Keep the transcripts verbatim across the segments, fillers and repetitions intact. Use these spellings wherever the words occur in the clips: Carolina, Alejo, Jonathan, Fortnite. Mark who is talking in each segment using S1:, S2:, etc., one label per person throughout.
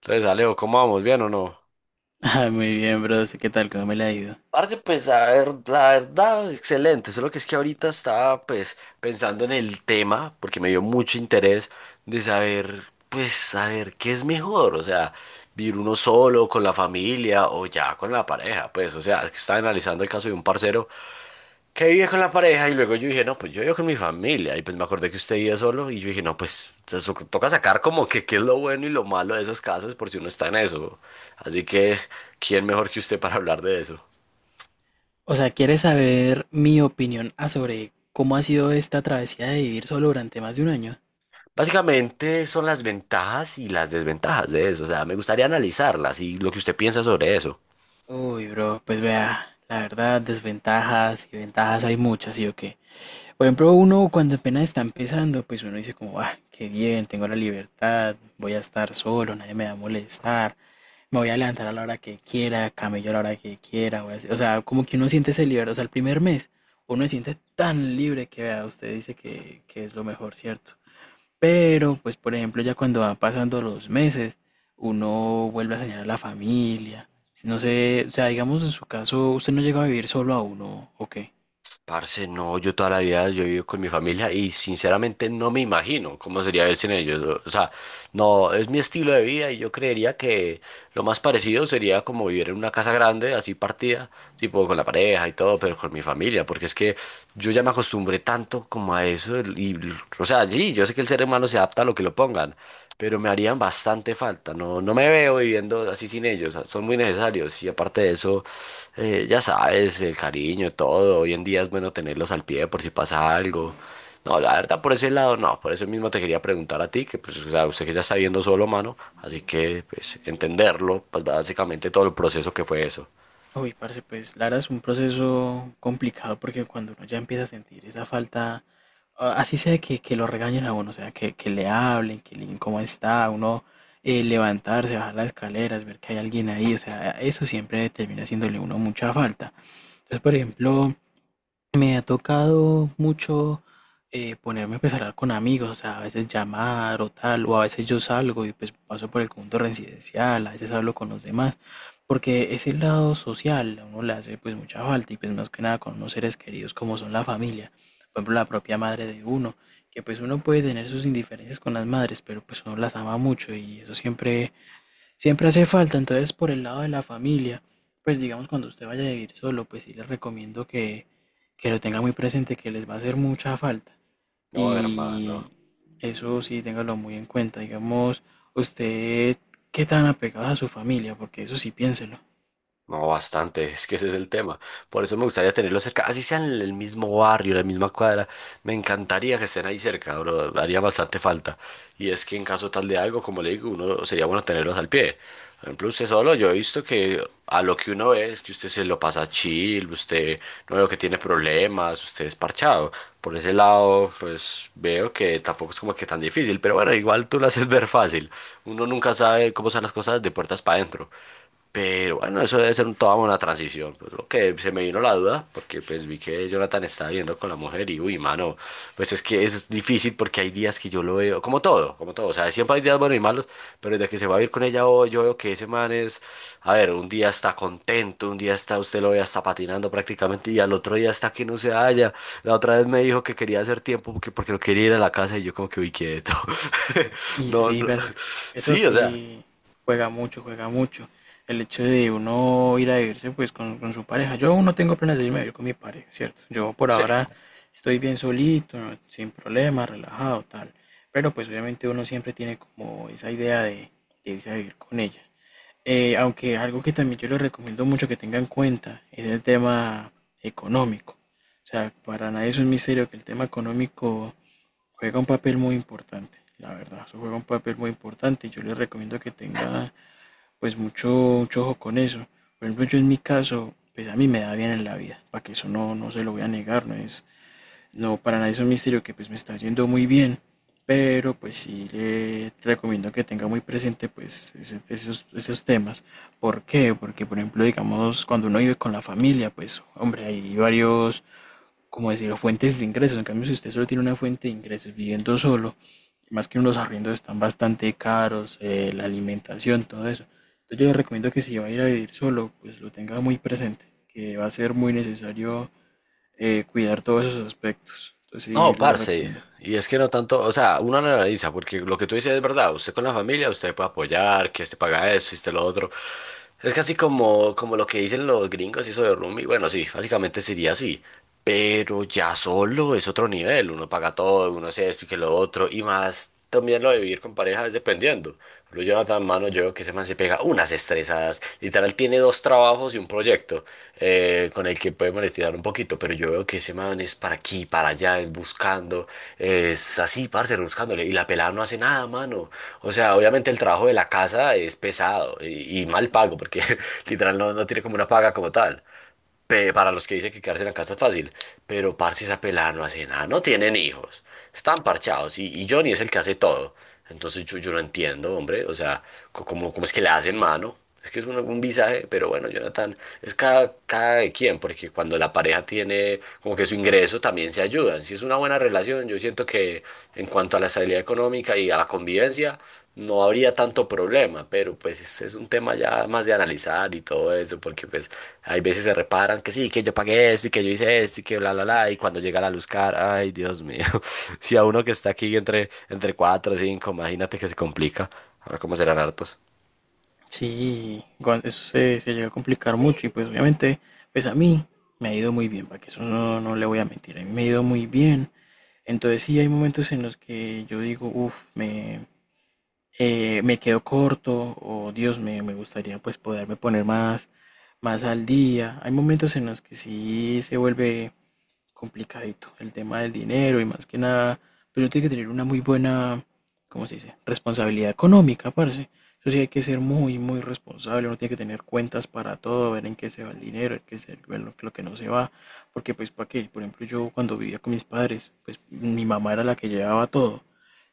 S1: Entonces, Alejo, ¿cómo vamos? ¿Bien o no?
S2: Ah, muy bien, bro. ¿Qué tal? ¿Cómo me la ha ido?
S1: Parce, pues a ver, la verdad, excelente. Solo que es que ahorita estaba pues pensando en el tema, porque me dio mucho interés de saber, pues, saber qué es mejor, o sea, vivir uno solo, con la familia o ya con la pareja, pues, o sea, es que estaba analizando el caso de un parcero que vivía con la pareja y luego yo dije, no, pues yo vivo con mi familia y pues me acordé que usted vivía solo y yo dije, no, pues te so- toca sacar como que qué es lo bueno y lo malo de esos casos por si uno está en eso. Así que, ¿quién mejor que usted para hablar de eso?
S2: O sea, ¿quieres saber mi opinión a sobre cómo ha sido esta travesía de vivir solo durante más de un año?
S1: Básicamente son las ventajas y las desventajas de eso, o sea, me gustaría analizarlas y lo que usted piensa sobre eso.
S2: Uy, bro, pues vea, la verdad, desventajas y ventajas hay muchas, ¿sí o qué? Por ejemplo, uno cuando apenas está empezando, pues uno dice como, ah, qué bien, tengo la libertad, voy a estar solo, nadie me va a molestar, me voy a levantar a la hora que quiera, camello a la hora que quiera, voy a hacer-". o sea, como que uno siente ese libre, o sea, el primer mes uno se siente tan libre que vea, usted dice que, que es lo mejor, ¿cierto? Pero, pues, por ejemplo, ya cuando van pasando los meses, uno vuelve a soñar a la familia, no sé, o sea, digamos en su caso, usted no llega a vivir solo a uno, ¿o qué?
S1: Parce, no, yo toda la vida yo vivo con mi familia y sinceramente no me imagino cómo sería vivir sin ellos. O sea, no, es mi estilo de vida y yo creería que lo más parecido sería como vivir en una casa grande, así partida, tipo con la pareja y todo, pero con mi familia, porque es que yo ya me acostumbré acostumbré tanto como a eso. El- Y, l- o sea, sí, yo sé que el ser humano se adapta a lo que lo pongan, pero me harían bastante falta. No, no me veo viviendo así sin ellos. Son muy necesarios. Y aparte de eso, eh, ya sabes, el cariño, todo. Hoy en día es bueno tenerlos al pie por si pasa algo. No, la verdad, por ese lado, no. Por eso mismo te quería preguntar a ti, que pues, o sea, usted que ya está viendo solo, mano. Así que, pues, entenderlo, pues básicamente todo el proceso que fue eso.
S2: Uy, parce, pues la verdad es un proceso complicado porque cuando uno ya empieza a sentir esa falta, a- así sea que, que lo regañen a uno, o sea, que, que le hablen, que le digan cómo está, uno eh, levantarse, bajar las escaleras, ver que hay alguien ahí, o sea, eso siempre termina haciéndole a uno mucha falta. Entonces, por ejemplo, me ha tocado mucho eh, ponerme pues, a pensar con amigos, o sea, a veces llamar o tal, o a veces yo salgo y pues paso por el conjunto residencial, a veces hablo con los demás, porque ese lado social a uno le hace pues mucha falta y pues más que nada con unos seres queridos como son la familia, por ejemplo la propia madre de uno, que pues uno puede tener sus indiferencias con las madres, pero pues uno las ama mucho y eso siempre Siempre hace falta. Entonces, por el lado de la familia, pues digamos cuando usted vaya a vivir solo, pues sí les recomiendo que, que lo tenga muy presente, que les va a hacer mucha falta.
S1: No, hermano.
S2: Y eso sí, téngalo muy en cuenta. Digamos, usted, ¿qué tan apegado a su familia? Porque eso sí, piénselo.
S1: No, bastante, es que ese es el tema. Por eso me gustaría tenerlos cerca, así sean el el mismo barrio, la misma cuadra. Me encantaría que estén ahí cerca, bro, haría bastante falta. Y es que en caso tal de algo, como le digo, uno sería bueno tenerlos al pie. Por ejemplo, usted solo, yo he visto que a lo que uno ve es que usted se lo pasa chill, usted no veo que tiene problemas, usted es parchado. Por ese lado, pues veo que tampoco es como que tan difícil, pero bueno, igual tú lo haces ver fácil. Uno nunca sabe cómo son las cosas de puertas para adentro. Pero bueno, eso debe ser un- toda una transición. Pues lo que se me vino la duda, porque pues vi que Jonathan estaba viendo con la mujer y uy, mano, pues es que es difícil porque hay días que yo lo veo, como todo, como todo. O sea, siempre hay días buenos y malos, pero desde que se va a ir con ella hoy, yo veo que ese man es, a ver, un día está contento, un día está, usted lo ve hasta patinando prácticamente y al otro día está que no se halla. La otra vez me dijo que quería hacer tiempo porque, porque no quería ir a la casa y yo como que uy, quieto.
S2: Y
S1: No,
S2: sí,
S1: no.
S2: pero es- eso
S1: Sí, o sea.
S2: sí juega mucho, juega mucho. El hecho de uno ir a vivirse pues con, con su pareja. Yo aún no tengo planes de irme a vivir con mi pareja, ¿cierto? Yo por
S1: Sí.
S2: ahora estoy bien solito, no- sin problemas, relajado, tal. Pero pues obviamente uno siempre tiene como esa idea de, de irse a vivir con ella. Eh, aunque algo que también yo les recomiendo mucho que tengan en cuenta es el tema económico. O sea, para nadie es un misterio que el tema económico juega un papel muy importante, la verdad. Eso juega un papel muy importante y yo les recomiendo que tenga pues mucho, mucho ojo con eso. Por ejemplo, yo en mi caso, pues a mí me da bien en la vida, para que eso no, no se lo voy a negar, no es, no, para nadie es un misterio que pues me está yendo muy bien, pero pues sí le recomiendo que tenga muy presente pues ese- esos, esos temas. ¿Por qué? Porque por ejemplo, digamos, cuando uno vive con la familia, pues hombre, hay varios como decirlo, fuentes de ingresos. En cambio, si usted solo tiene una fuente de ingresos viviendo solo, más que unos arriendos están bastante caros, eh, la alimentación, todo eso. Entonces yo le recomiendo que si va a ir a vivir solo, pues lo tenga muy presente, que va a ser muy necesario eh, cuidar todos esos aspectos. Entonces sí,
S1: No,
S2: les
S1: parce,
S2: recomiendo.
S1: y es que no tanto, o sea, uno lo analiza, porque lo que tú dices es verdad, usted con la familia, usted puede apoyar, que se paga eso, y usted lo otro. Es casi como, como lo que dicen los gringos, eso de roomie, bueno, sí, básicamente sería así, pero ya solo es otro nivel, uno paga todo, uno hace esto y que lo otro, y más también lo de vivir con pareja es dependiendo. Lo Jonathan Mano, yo veo que ese man se pega unas estresadas. Literal tiene dos trabajos y un proyecto eh, con el que puede monetizar un poquito, pero yo veo que ese man es para aquí, para allá, es buscando, es así, parce, buscándole. Y la pelada no hace nada, mano. O sea, obviamente el trabajo de la casa es pesado y, y mal pago, porque literal no, no tiene como una paga como tal pe- para los que dicen que quedarse en la casa es fácil, pero parce esa pelada no hace nada, no tienen hijos, están parchados y, y Johnny es el que hace todo. Entonces yo, yo no entiendo, hombre, o sea, co- ¿cómo, cómo es que le hacen mano? Es que es un, un visaje, pero bueno, Jonathan, es cada, cada de quien, porque cuando la pareja tiene como que su ingreso también se ayudan. Si es una buena relación, yo siento siento que en cuanto a la estabilidad económica y a la convivencia no habría tanto problema, pero pues es, es un tema ya más de analizar y todo eso, porque pues hay veces se reparan que sí, que yo pagué esto y que yo hice esto y que bla, bla, bla, y cuando llega la luz cara, ay, Dios mío, si a uno que está aquí entre, entre cuatro o cinco, imagínate que se complica, ahora cómo serán hartos.
S2: Sí, igual eso se, se llega a complicar mucho y pues obviamente, pues a mí me ha ido muy bien, para que eso no, no le voy a mentir, a mí me ha ido muy bien. Entonces sí hay momentos en los que yo digo, uff, me, eh, me quedo corto o Dios me, me gustaría pues poderme poner más, más al día. Hay momentos en los que sí se vuelve complicadito, el tema del dinero y más que nada, pero uno tiene que tener una muy buena, ¿cómo se dice? Responsabilidad económica, parce. Eso sí hay que ser muy, muy responsable. Uno tiene que tener cuentas para todo, ver en qué se va el dinero, en qué se, ver lo, lo que no se va, porque pues para qué, por ejemplo, yo cuando vivía con mis padres, pues mi mamá era la que llevaba todo.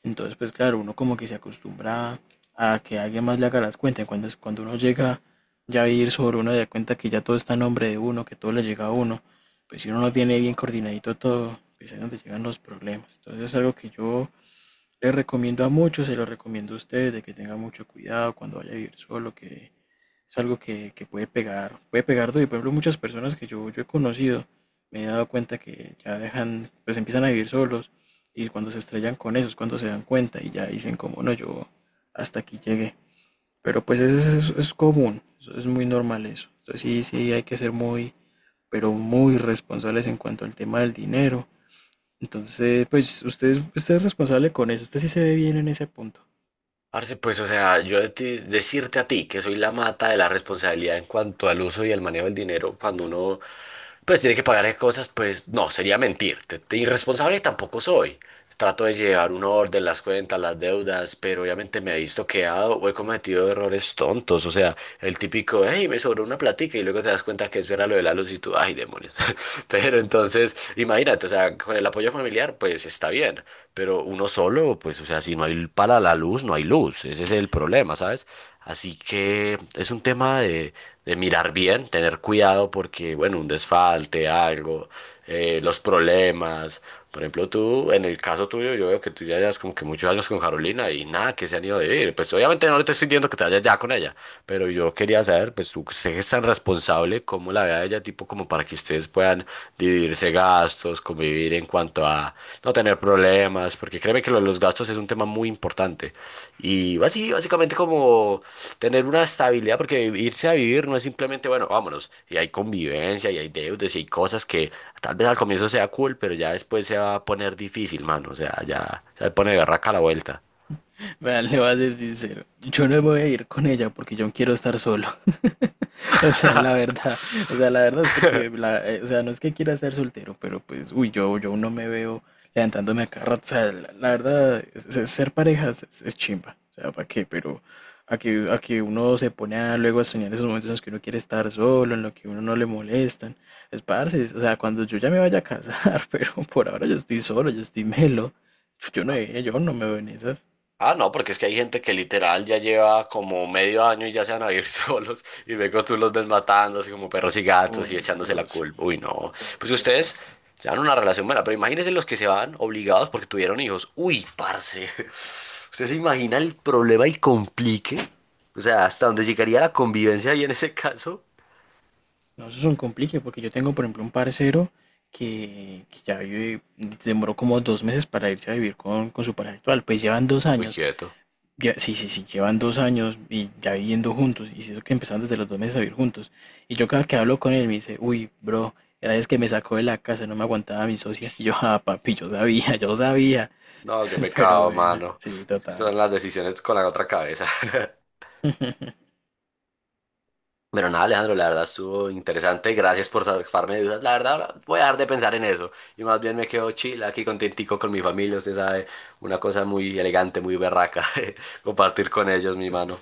S2: Entonces, pues claro, uno como que se acostumbra a que alguien más le haga las cuentas. Cuando, cuando uno llega ya a vivir sobre uno, se da cuenta que ya todo está en nombre de uno, que todo le llega a uno. Pues si uno no tiene bien coordinadito todo, pues es donde llegan los problemas. Entonces es algo que yo les recomiendo a muchos, se lo recomiendo a ustedes, de que tengan mucho cuidado cuando vaya a vivir solo, que es algo que, que puede pegar, puede pegar duro. Y por ejemplo, muchas personas que yo, yo he conocido, me he dado cuenta que ya dejan, pues empiezan a vivir solos, y cuando se estrellan con eso es cuando se dan cuenta y ya dicen como, no, yo hasta aquí llegué. Pero pues es, es, es común, es muy normal eso. Entonces sí, sí hay que ser muy pero muy responsables en cuanto al tema del dinero. Entonces, pues usted, es- usted es responsable con eso, usted sí se ve bien en ese punto.
S1: Parce, pues, o sea, yo de ti- decirte a ti que soy la mata de la responsabilidad en cuanto al uso y al manejo del dinero cuando uno, pues, tiene que pagar esas cosas, pues, no, sería mentirte. Te- Irresponsable tampoco soy. Trato de llevar un orden, las cuentas, las deudas, pero obviamente me he visto quedado o he cometido errores tontos. O sea, el típico, hey, me sobró una platica y luego te das cuenta que eso era lo de la luz y tú, ay, demonios. Pero entonces, imagínate, o sea, con el apoyo familiar, pues está bien, pero uno solo, pues, o sea, si no hay para la luz, no hay luz, ese es el problema, ¿sabes? Así que es un tema de, de mirar bien, tener cuidado porque, bueno, un desfalte, algo, eh, los problemas. Por ejemplo, tú, en el caso tuyo, yo veo que tú ya llevas como que muchos años con Carolina y nada, que se han ido a vivir. Pues obviamente no te estoy diciendo que te vayas ya con ella, pero yo quería saber, pues tú sé que es tan responsable, cómo la vea ella, tipo como para que ustedes puedan dividirse gastos, convivir en cuanto a no tener problemas, porque créeme que lo de los gastos es un tema muy importante. Y así, básicamente como tener una estabilidad, porque irse a vivir no es simplemente, bueno, vámonos, y hay convivencia, y hay deudas, y hay cosas que tal vez al comienzo sea cool, pero ya después se va a poner difícil, mano. O sea, ya se pone berraca la vuelta.
S2: Vean, le voy a ser sincero. Yo no me voy a ir con ella porque yo quiero estar solo. O sea, la verdad, o sea, la verdad es porque, la- eh, o sea, no es que quiera ser soltero, pero pues, uy, yo, yo no me veo levantándome a cada rato. O sea, la, la verdad, es- es- ser parejas es, es chimba. O sea, ¿para qué? Pero a que, a que uno se pone a, luego a soñar esos momentos en los que uno quiere estar solo, en los que uno no le molestan. Es parce, o sea, cuando yo ya me vaya a casar, pero por ahora yo estoy solo, yo estoy melo. Yo no, yo no me veo en esas.
S1: Ah, no, porque es que hay gente que literal ya lleva como medio año y ya se van a vivir solos y luego tú los ves matando así como perros y gatos y
S2: Uy,
S1: echándose la
S2: bro, sí,
S1: culpa. Uy, no.
S2: yo,
S1: Pues
S2: yo he
S1: ustedes
S2: visto.
S1: llevan una relación buena, pero imagínense los que se van obligados porque tuvieron hijos. Uy, parce. ¿Usted se imagina el problema y complique? O sea, hasta dónde llegaría la convivencia ahí en ese caso.
S2: No, eso es un complique porque yo tengo, por ejemplo, un parcero que, que ya vive, demoró como dos meses para irse a vivir con, con su pareja actual. Pues llevan dos
S1: Muy
S2: años,
S1: quieto.
S2: ya- sí, sí, sí, llevan dos años y ya viviendo juntos. Y eso que empezaron desde los dos meses a vivir juntos. Y yo cada que hablo con él me dice, uy, bro, era vez que me sacó de la casa, no me aguantaba mi socia. Y yo, ah, papi, yo sabía, yo sabía.
S1: No, qué
S2: Pero
S1: pecado,
S2: bueno,
S1: mano.
S2: sí,
S1: Es que
S2: total.
S1: son las decisiones con la otra cabeza. Pero nada, Alejandro, la verdad estuvo interesante. Gracias por sacarme de dudas. La verdad, ahora voy a dejar de pensar en eso. Y más bien me quedo chill aquí contentico con mi familia. Usted sabe, una cosa muy elegante, muy berraca. Compartir con ellos, mi mano.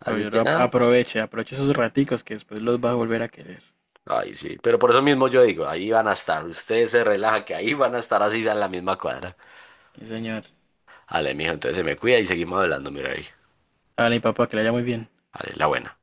S1: Así
S2: Oye,
S1: que
S2: lo ap-
S1: nada.
S2: aproveche, aproveche esos raticos que después los va a volver a querer.
S1: Ay, sí. Pero por eso mismo yo digo, ahí van a estar. Usted se relaja, que ahí van a estar así sea en la misma cuadra.
S2: Sí, señor.
S1: Ale, mijo, entonces se me cuida y seguimos hablando, mira ahí.
S2: Hágale, mi papá, que le haya muy bien.
S1: Vale, la buena.